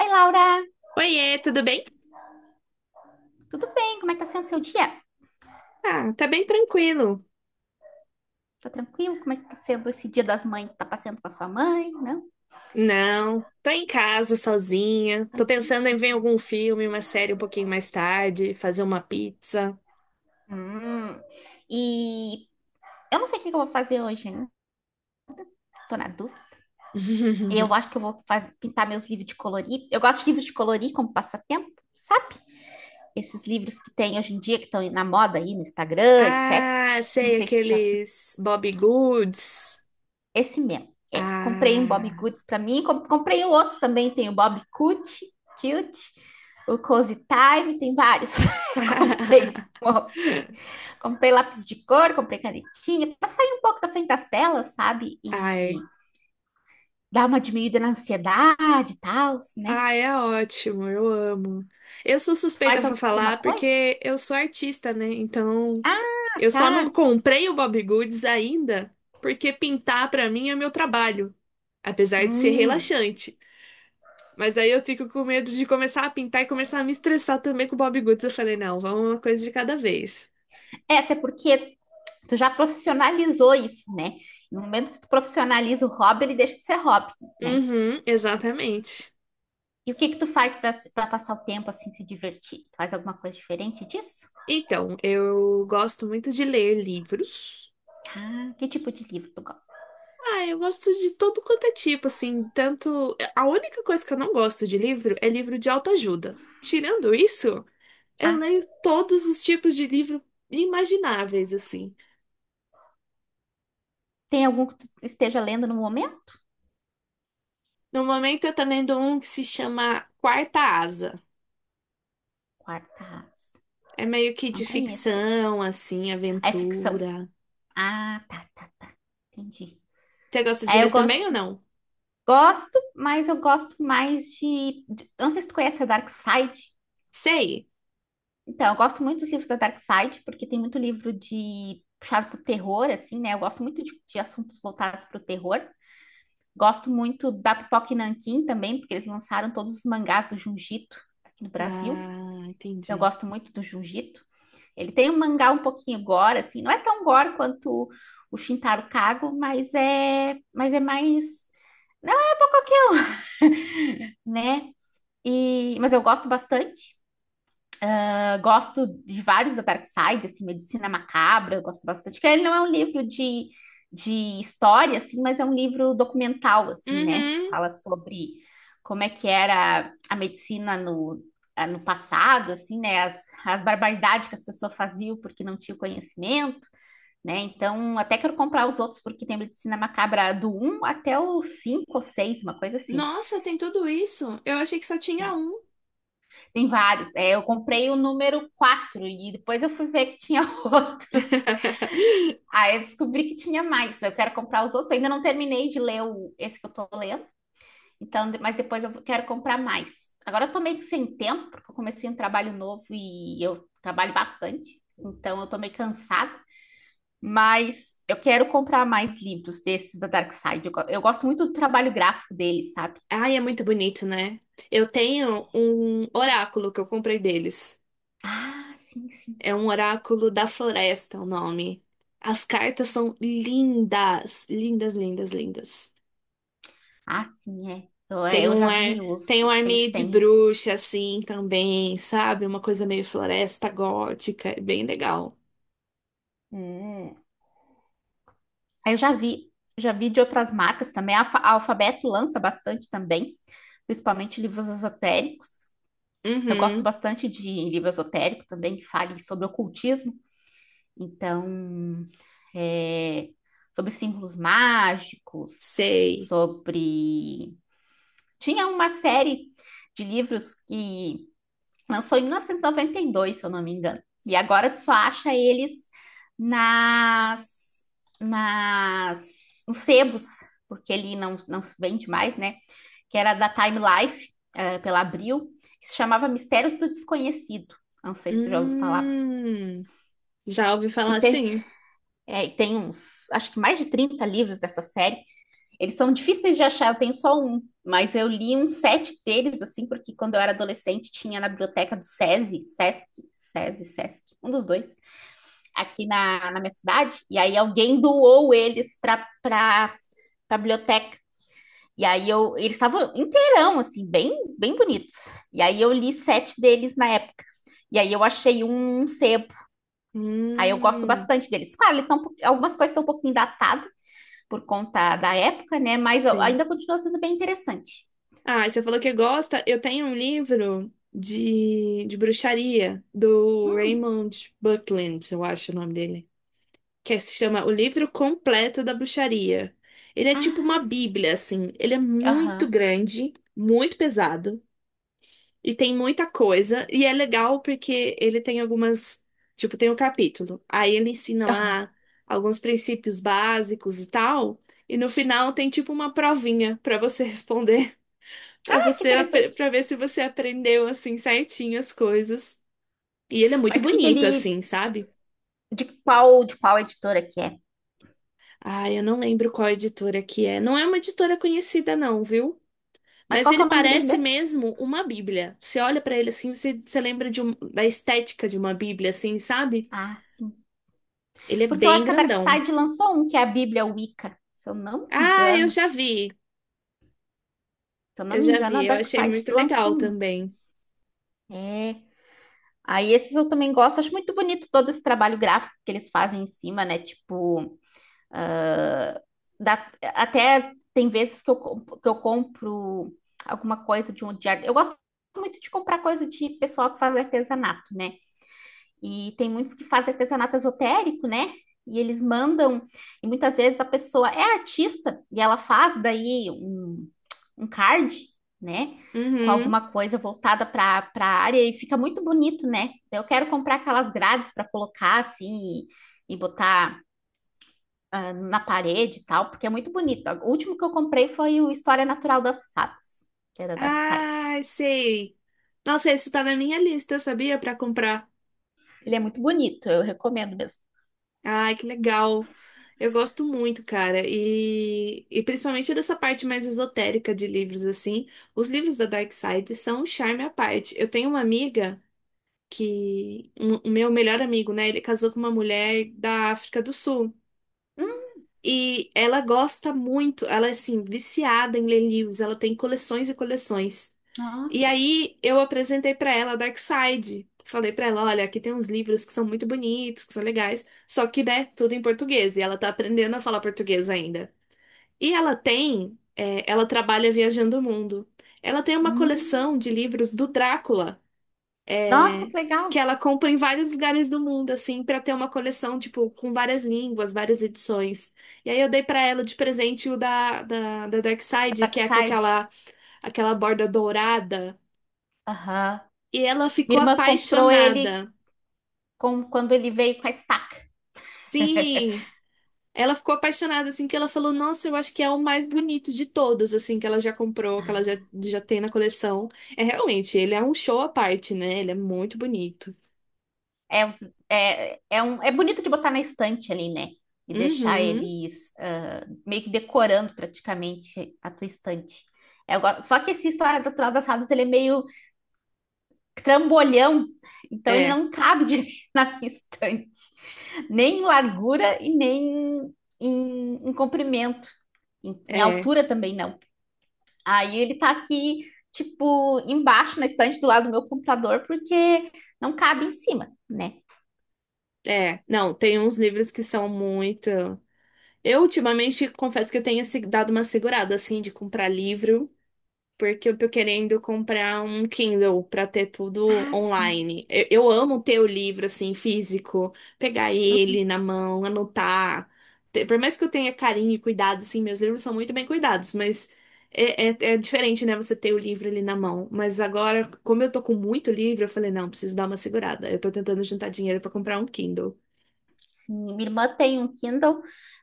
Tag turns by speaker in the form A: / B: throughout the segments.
A: Oi, Laura,
B: Oiê, tudo bem?
A: tudo bem? Como é que tá sendo seu dia?
B: Ah, tá bem tranquilo.
A: Tá tranquilo? Como é que tá sendo esse Dia das Mães? Tá passando com a sua mãe, não?
B: Não, tô em casa sozinha. Tô pensando em ver algum filme, uma série um pouquinho mais tarde, fazer uma pizza.
A: Hum. E eu não sei o que que eu vou fazer hoje, né? Tô na dúvida. Eu acho que eu vou pintar meus livros de colorir. Eu gosto de livros de colorir como passatempo, sabe? Esses livros que tem hoje em dia, que estão na moda aí no Instagram, etc.
B: Ah,
A: Não
B: sei,
A: sei se tu já viu.
B: aqueles Bobbie Goods.
A: Esse mesmo. É, comprei um Bob
B: Ah.
A: Goods para mim, comprei outros também, tem o Bob Cute, Cute, o Cozy Time, tem vários. Eu comprei, ó, comprei lápis de cor, comprei canetinha, para sair um pouco da frente das telas, sabe? E
B: Ai,
A: dar uma diminuída na ansiedade e tal, né?
B: ah, é ótimo, eu amo. Eu sou
A: Tu
B: suspeita
A: faz
B: pra
A: alguma
B: falar
A: coisa?
B: porque eu sou artista, né? Então,
A: Ah,
B: eu
A: tá.
B: só não comprei o Bob Goods ainda porque pintar pra mim é meu trabalho, apesar de ser
A: Hum.
B: relaxante. Mas aí eu fico com medo de começar a pintar e começar a me estressar também com o Bob Goods. Eu falei, não, vamos uma coisa de cada vez.
A: É, até porque tu já profissionalizou isso, né? No momento que tu profissionaliza o hobby, ele deixa de ser hobby, né?
B: Uhum, exatamente.
A: E o que que tu faz para passar o tempo assim, se divertir? Faz alguma coisa diferente disso?
B: Então, eu gosto muito de ler livros.
A: Ah, que tipo de livro tu gosta?
B: Ah, eu gosto de todo quanto é tipo, assim, tanto... A única coisa que eu não gosto de livro é livro de autoajuda. Tirando isso, eu
A: Ah,
B: leio todos os tipos de livro imagináveis, assim.
A: tem algum que tu esteja lendo no momento?
B: No momento eu tô lendo um que se chama Quarta Asa.
A: Quarta.
B: É meio que
A: Não
B: de
A: conheço esse.
B: ficção, assim,
A: Ah, é ficção.
B: aventura.
A: Ah, tá, tá, tá. Entendi.
B: Você gosta de
A: É, eu
B: ler
A: gosto,
B: também ou não?
A: mas eu gosto mais não sei se tu conhece a Dark Side.
B: Sei.
A: Então, eu gosto muito dos livros da Dark Side, porque tem muito livro de puxado pro terror, assim, né? Eu gosto muito de assuntos voltados para o terror. Gosto muito da Pipoca e Nanquim também, porque eles lançaram todos os mangás do Junjito aqui no Brasil.
B: Ah,
A: Então, eu
B: entendi.
A: gosto muito do Junjito. Ele tem um mangá um pouquinho gore, assim, não é tão gore quanto o Shintaro Kago, mas é mais, não é pra qualquer um, né? E, mas eu gosto bastante. Eu gosto de vários da Dark Side, assim, Medicina Macabra, eu gosto bastante. Que ele não é um livro de história, assim, mas é um livro documental, assim, né?
B: Uhum.
A: Fala sobre como é que era a medicina no, no passado, assim, né? As barbaridades que as pessoas faziam porque não tinham conhecimento, né? Então, até quero comprar os outros porque tem Medicina Macabra do um até o 5 ou seis, uma coisa assim.
B: Nossa, tem tudo isso? Eu achei que só tinha um.
A: Tem vários. É, eu comprei o número 4 e depois eu fui ver que tinha outros. Aí eu descobri que tinha mais. Eu quero comprar os outros. Eu ainda não terminei de ler o, esse que eu tô lendo. Então, mas depois eu quero comprar mais. Agora eu tô meio que sem tempo, porque eu comecei um trabalho novo e eu trabalho bastante. Então eu tô meio cansada. Mas eu quero comprar mais livros desses da Dark Side. Eu gosto muito do trabalho gráfico deles, sabe?
B: Ai, é muito bonito, né? Eu tenho um oráculo que eu comprei deles.
A: Ah, sim, sim.
B: É um oráculo da floresta, o nome. As cartas são lindas, lindas, lindas, lindas.
A: Ah, sim, é. Eu, é,
B: Tem
A: eu
B: um
A: já
B: ar,
A: vi os,
B: tem um
A: os
B: ar
A: que eles
B: meio de
A: têm.
B: bruxa assim também, sabe? Uma coisa meio floresta gótica, é bem legal.
A: Hum. Aí eu já vi de outras marcas também. A, a Alfabeto lança bastante também, principalmente livros esotéricos. Eu gosto
B: Uhum,
A: bastante de livro esotérico também, que fale sobre ocultismo, então, é, sobre símbolos mágicos,
B: sei.
A: sobre. Tinha uma série de livros que lançou em 1992, se eu não me engano. E agora tu só acha eles nas, nos sebos, porque ele não se vende mais, né? Que era da Time Life, pela Abril, que se chamava Mistérios do Desconhecido. Não sei se tu já ouviu falar.
B: Hum, já ouvi
A: E
B: falar
A: tem,
B: assim?
A: e tem uns, acho que mais de 30 livros dessa série. Eles são difíceis de achar, eu tenho só um, mas eu li uns sete deles, assim, porque quando eu era adolescente tinha na biblioteca do SESI, SESC, SESI, SESC, um dos dois, aqui na, minha cidade, e aí alguém doou eles para a biblioteca. E aí eu, eles estavam inteirão, assim, bem, bem bonitos. E aí eu li sete deles na época. E aí eu achei um sebo. Aí eu gosto
B: Hum,
A: bastante deles. Claro, eles estão algumas coisas estão um pouquinho datadas por conta da época, né? Mas
B: sim.
A: ainda continua sendo bem interessante.
B: Ah, você falou que gosta. Eu tenho um livro de bruxaria do
A: Hum.
B: Raymond Buckland, eu acho o nome dele, que se chama O Livro Completo da Bruxaria. Ele é tipo uma
A: Ah, sim.
B: bíblia, assim. Ele é muito
A: Aham.
B: grande, muito pesado e tem muita coisa. E é legal porque ele tem algumas, tipo, tem um capítulo. Aí ele ensina
A: Aham.
B: lá alguns princípios básicos e tal. E no final tem tipo uma provinha para você responder para
A: Ah, que
B: você
A: interessante.
B: para ver se você aprendeu assim certinho as coisas. E ele é muito
A: Mas que
B: bonito
A: ele
B: assim, sabe?
A: de qual editora que é?
B: Ah, eu não lembro qual editora que é. Não é uma editora conhecida não, viu?
A: Mas
B: Mas
A: qual que
B: ele
A: é o nome do livro
B: parece
A: mesmo?
B: mesmo uma Bíblia. Você olha para ele assim, você, você lembra de um- da estética de uma Bíblia assim, sabe?
A: Ah, sim.
B: Ele é
A: Porque eu
B: bem
A: acho que a Dark
B: grandão.
A: Side lançou um que é a Bíblia Wicca, se eu não me
B: Ah, eu
A: engano.
B: já vi.
A: Se eu não
B: Eu
A: me
B: já
A: engano,
B: vi.
A: a
B: Eu
A: Dark
B: achei
A: Side
B: muito legal
A: lançou um.
B: também.
A: É. Aí esses eu também gosto, acho muito bonito todo esse trabalho gráfico que eles fazem em cima, né? Tipo, ah, até tem vezes que eu, que eu compro alguma coisa de um de. Eu gosto muito de comprar coisa de pessoal que faz artesanato, né? E tem muitos que fazem artesanato esotérico, né? E eles mandam, e muitas vezes a pessoa é artista e ela faz daí um, um card, né? Com
B: Uhum.
A: alguma coisa voltada para a área e fica muito bonito, né? Eu quero comprar aquelas grades para colocar assim e botar ah, na parede e tal, porque é muito bonito. O último que eu comprei foi o História Natural das Fadas, que é da Dark Side.
B: Ah, sei. Nossa, esse tá na minha lista, sabia? Pra comprar.
A: Ele é muito bonito, eu recomendo mesmo.
B: Ai, que legal. Eu gosto muito, cara. E principalmente dessa parte mais esotérica de livros, assim. Os livros da Dark Side são um charme à parte. Eu tenho uma amiga que. Um- O meu melhor amigo, né? Ele casou com uma mulher da África do Sul.
A: Hum,
B: E ela gosta muito, ela é assim, viciada em ler livros. Ela tem coleções e coleções. E
A: nossa,
B: aí eu apresentei pra ela Darkside. Falei pra ela, olha, aqui tem uns livros que são muito bonitos, que são legais, só que, né, tudo em português, e ela tá aprendendo a falar português ainda. E ela tem, é, ela trabalha viajando o mundo. Ela tem uma coleção
A: hum,
B: de livros do Drácula,
A: nossa,
B: é,
A: que legal.
B: que ela compra em vários lugares do mundo, assim, pra ter uma coleção, tipo, com várias línguas, várias edições. E aí eu dei pra ela de presente o da Darkside, que
A: Dark
B: é com
A: Side.
B: aquela, aquela borda dourada.
A: Aham.
B: E ela ficou
A: Minha irmã comprou ele
B: apaixonada.
A: quando ele veio com a estaca.
B: Sim, ela ficou apaixonada, assim, que ela falou, nossa, eu acho que é o mais bonito de todos, assim, que ela já comprou, que ela já, já tem na coleção. É realmente, ele é um show à parte, né? Ele é muito bonito.
A: É, os- é bonito de botar na estante ali, né? E deixar
B: Uhum.
A: eles ah, meio que decorando praticamente a tua estante. Só que esse História Natural das Fadas, ele é meio trambolhão, então ele
B: É,
A: não cabe direito na minha estante, nem em largura e nem em comprimento, em
B: é,
A: altura também não. Aí ele tá aqui, tipo, embaixo na estante do lado do meu computador, porque não cabe em cima, né?
B: é. Não, tem uns livros que são muito. Eu ultimamente confesso que eu tenho se- dado uma segurada, assim, de comprar livro. Porque eu tô querendo comprar um Kindle pra ter tudo
A: Ah, sim.
B: online. Eu amo ter o livro assim físico, pegar ele na mão, anotar. Te- Por mais que eu tenha carinho e cuidado, assim, meus livros são muito bem cuidados, mas é, é diferente, né? Você ter o livro ali na mão. Mas agora, como eu tô com muito livro, eu falei, não, preciso dar uma segurada. Eu tô tentando juntar dinheiro pra comprar um Kindle.
A: Minha irmã tem um Kindle,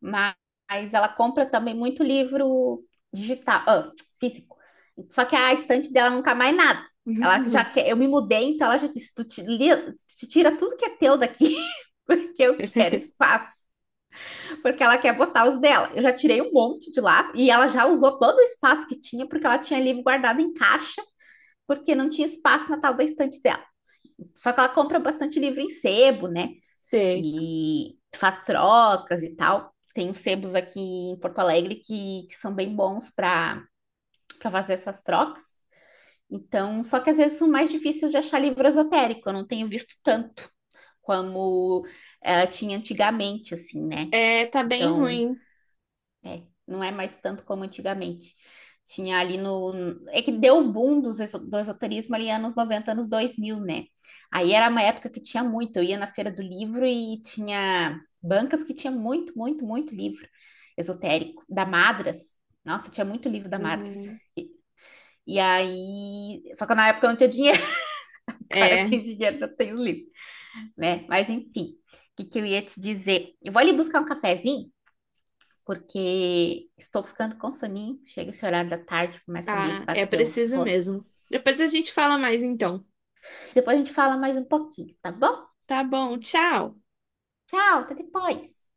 A: mas ela compra também muito livro digital, físico. Só que a estante dela nunca mais nada. Ela já quer, eu me mudei, então ela já disse: tu, tu tira tudo que é teu daqui, porque eu quero espaço, porque ela quer botar os dela. Eu já tirei um monte de lá e ela já usou todo o espaço que tinha, porque ela tinha livro guardado em caixa, porque não tinha espaço na tal da estante dela. Só que ela compra bastante livro em sebo, né?
B: Sei.
A: E faz trocas e tal. Tem uns sebos aqui em Porto Alegre que são bem bons para fazer essas trocas. Então, só que às vezes são mais difíceis de achar livro esotérico. Eu não tenho visto tanto como tinha antigamente, assim, né?
B: É, tá bem
A: Então,
B: ruim.
A: não é mais tanto como antigamente. Tinha ali no. É que deu o boom dos do esoterismo ali anos 90, anos 2000, né? Aí era uma época que tinha muito. Eu ia na Feira do Livro e tinha bancas que tinha muito, muito, muito livro esotérico. Da Madras. Nossa, tinha muito livro da Madras.
B: Uhum.
A: E aí. Só que na época eu não tinha dinheiro. Agora eu
B: É.
A: tenho dinheiro, não tem os livros, né? Mas enfim, o que que eu ia te dizer? Eu vou ali buscar um cafezinho porque estou ficando com soninho. Chega esse horário da tarde, começa a me
B: Ah, é
A: bater um
B: preciso
A: sono.
B: mesmo. Depois a gente fala mais então.
A: Depois a gente fala mais um pouquinho, tá bom?
B: Tá bom, tchau.
A: Tchau, até depois.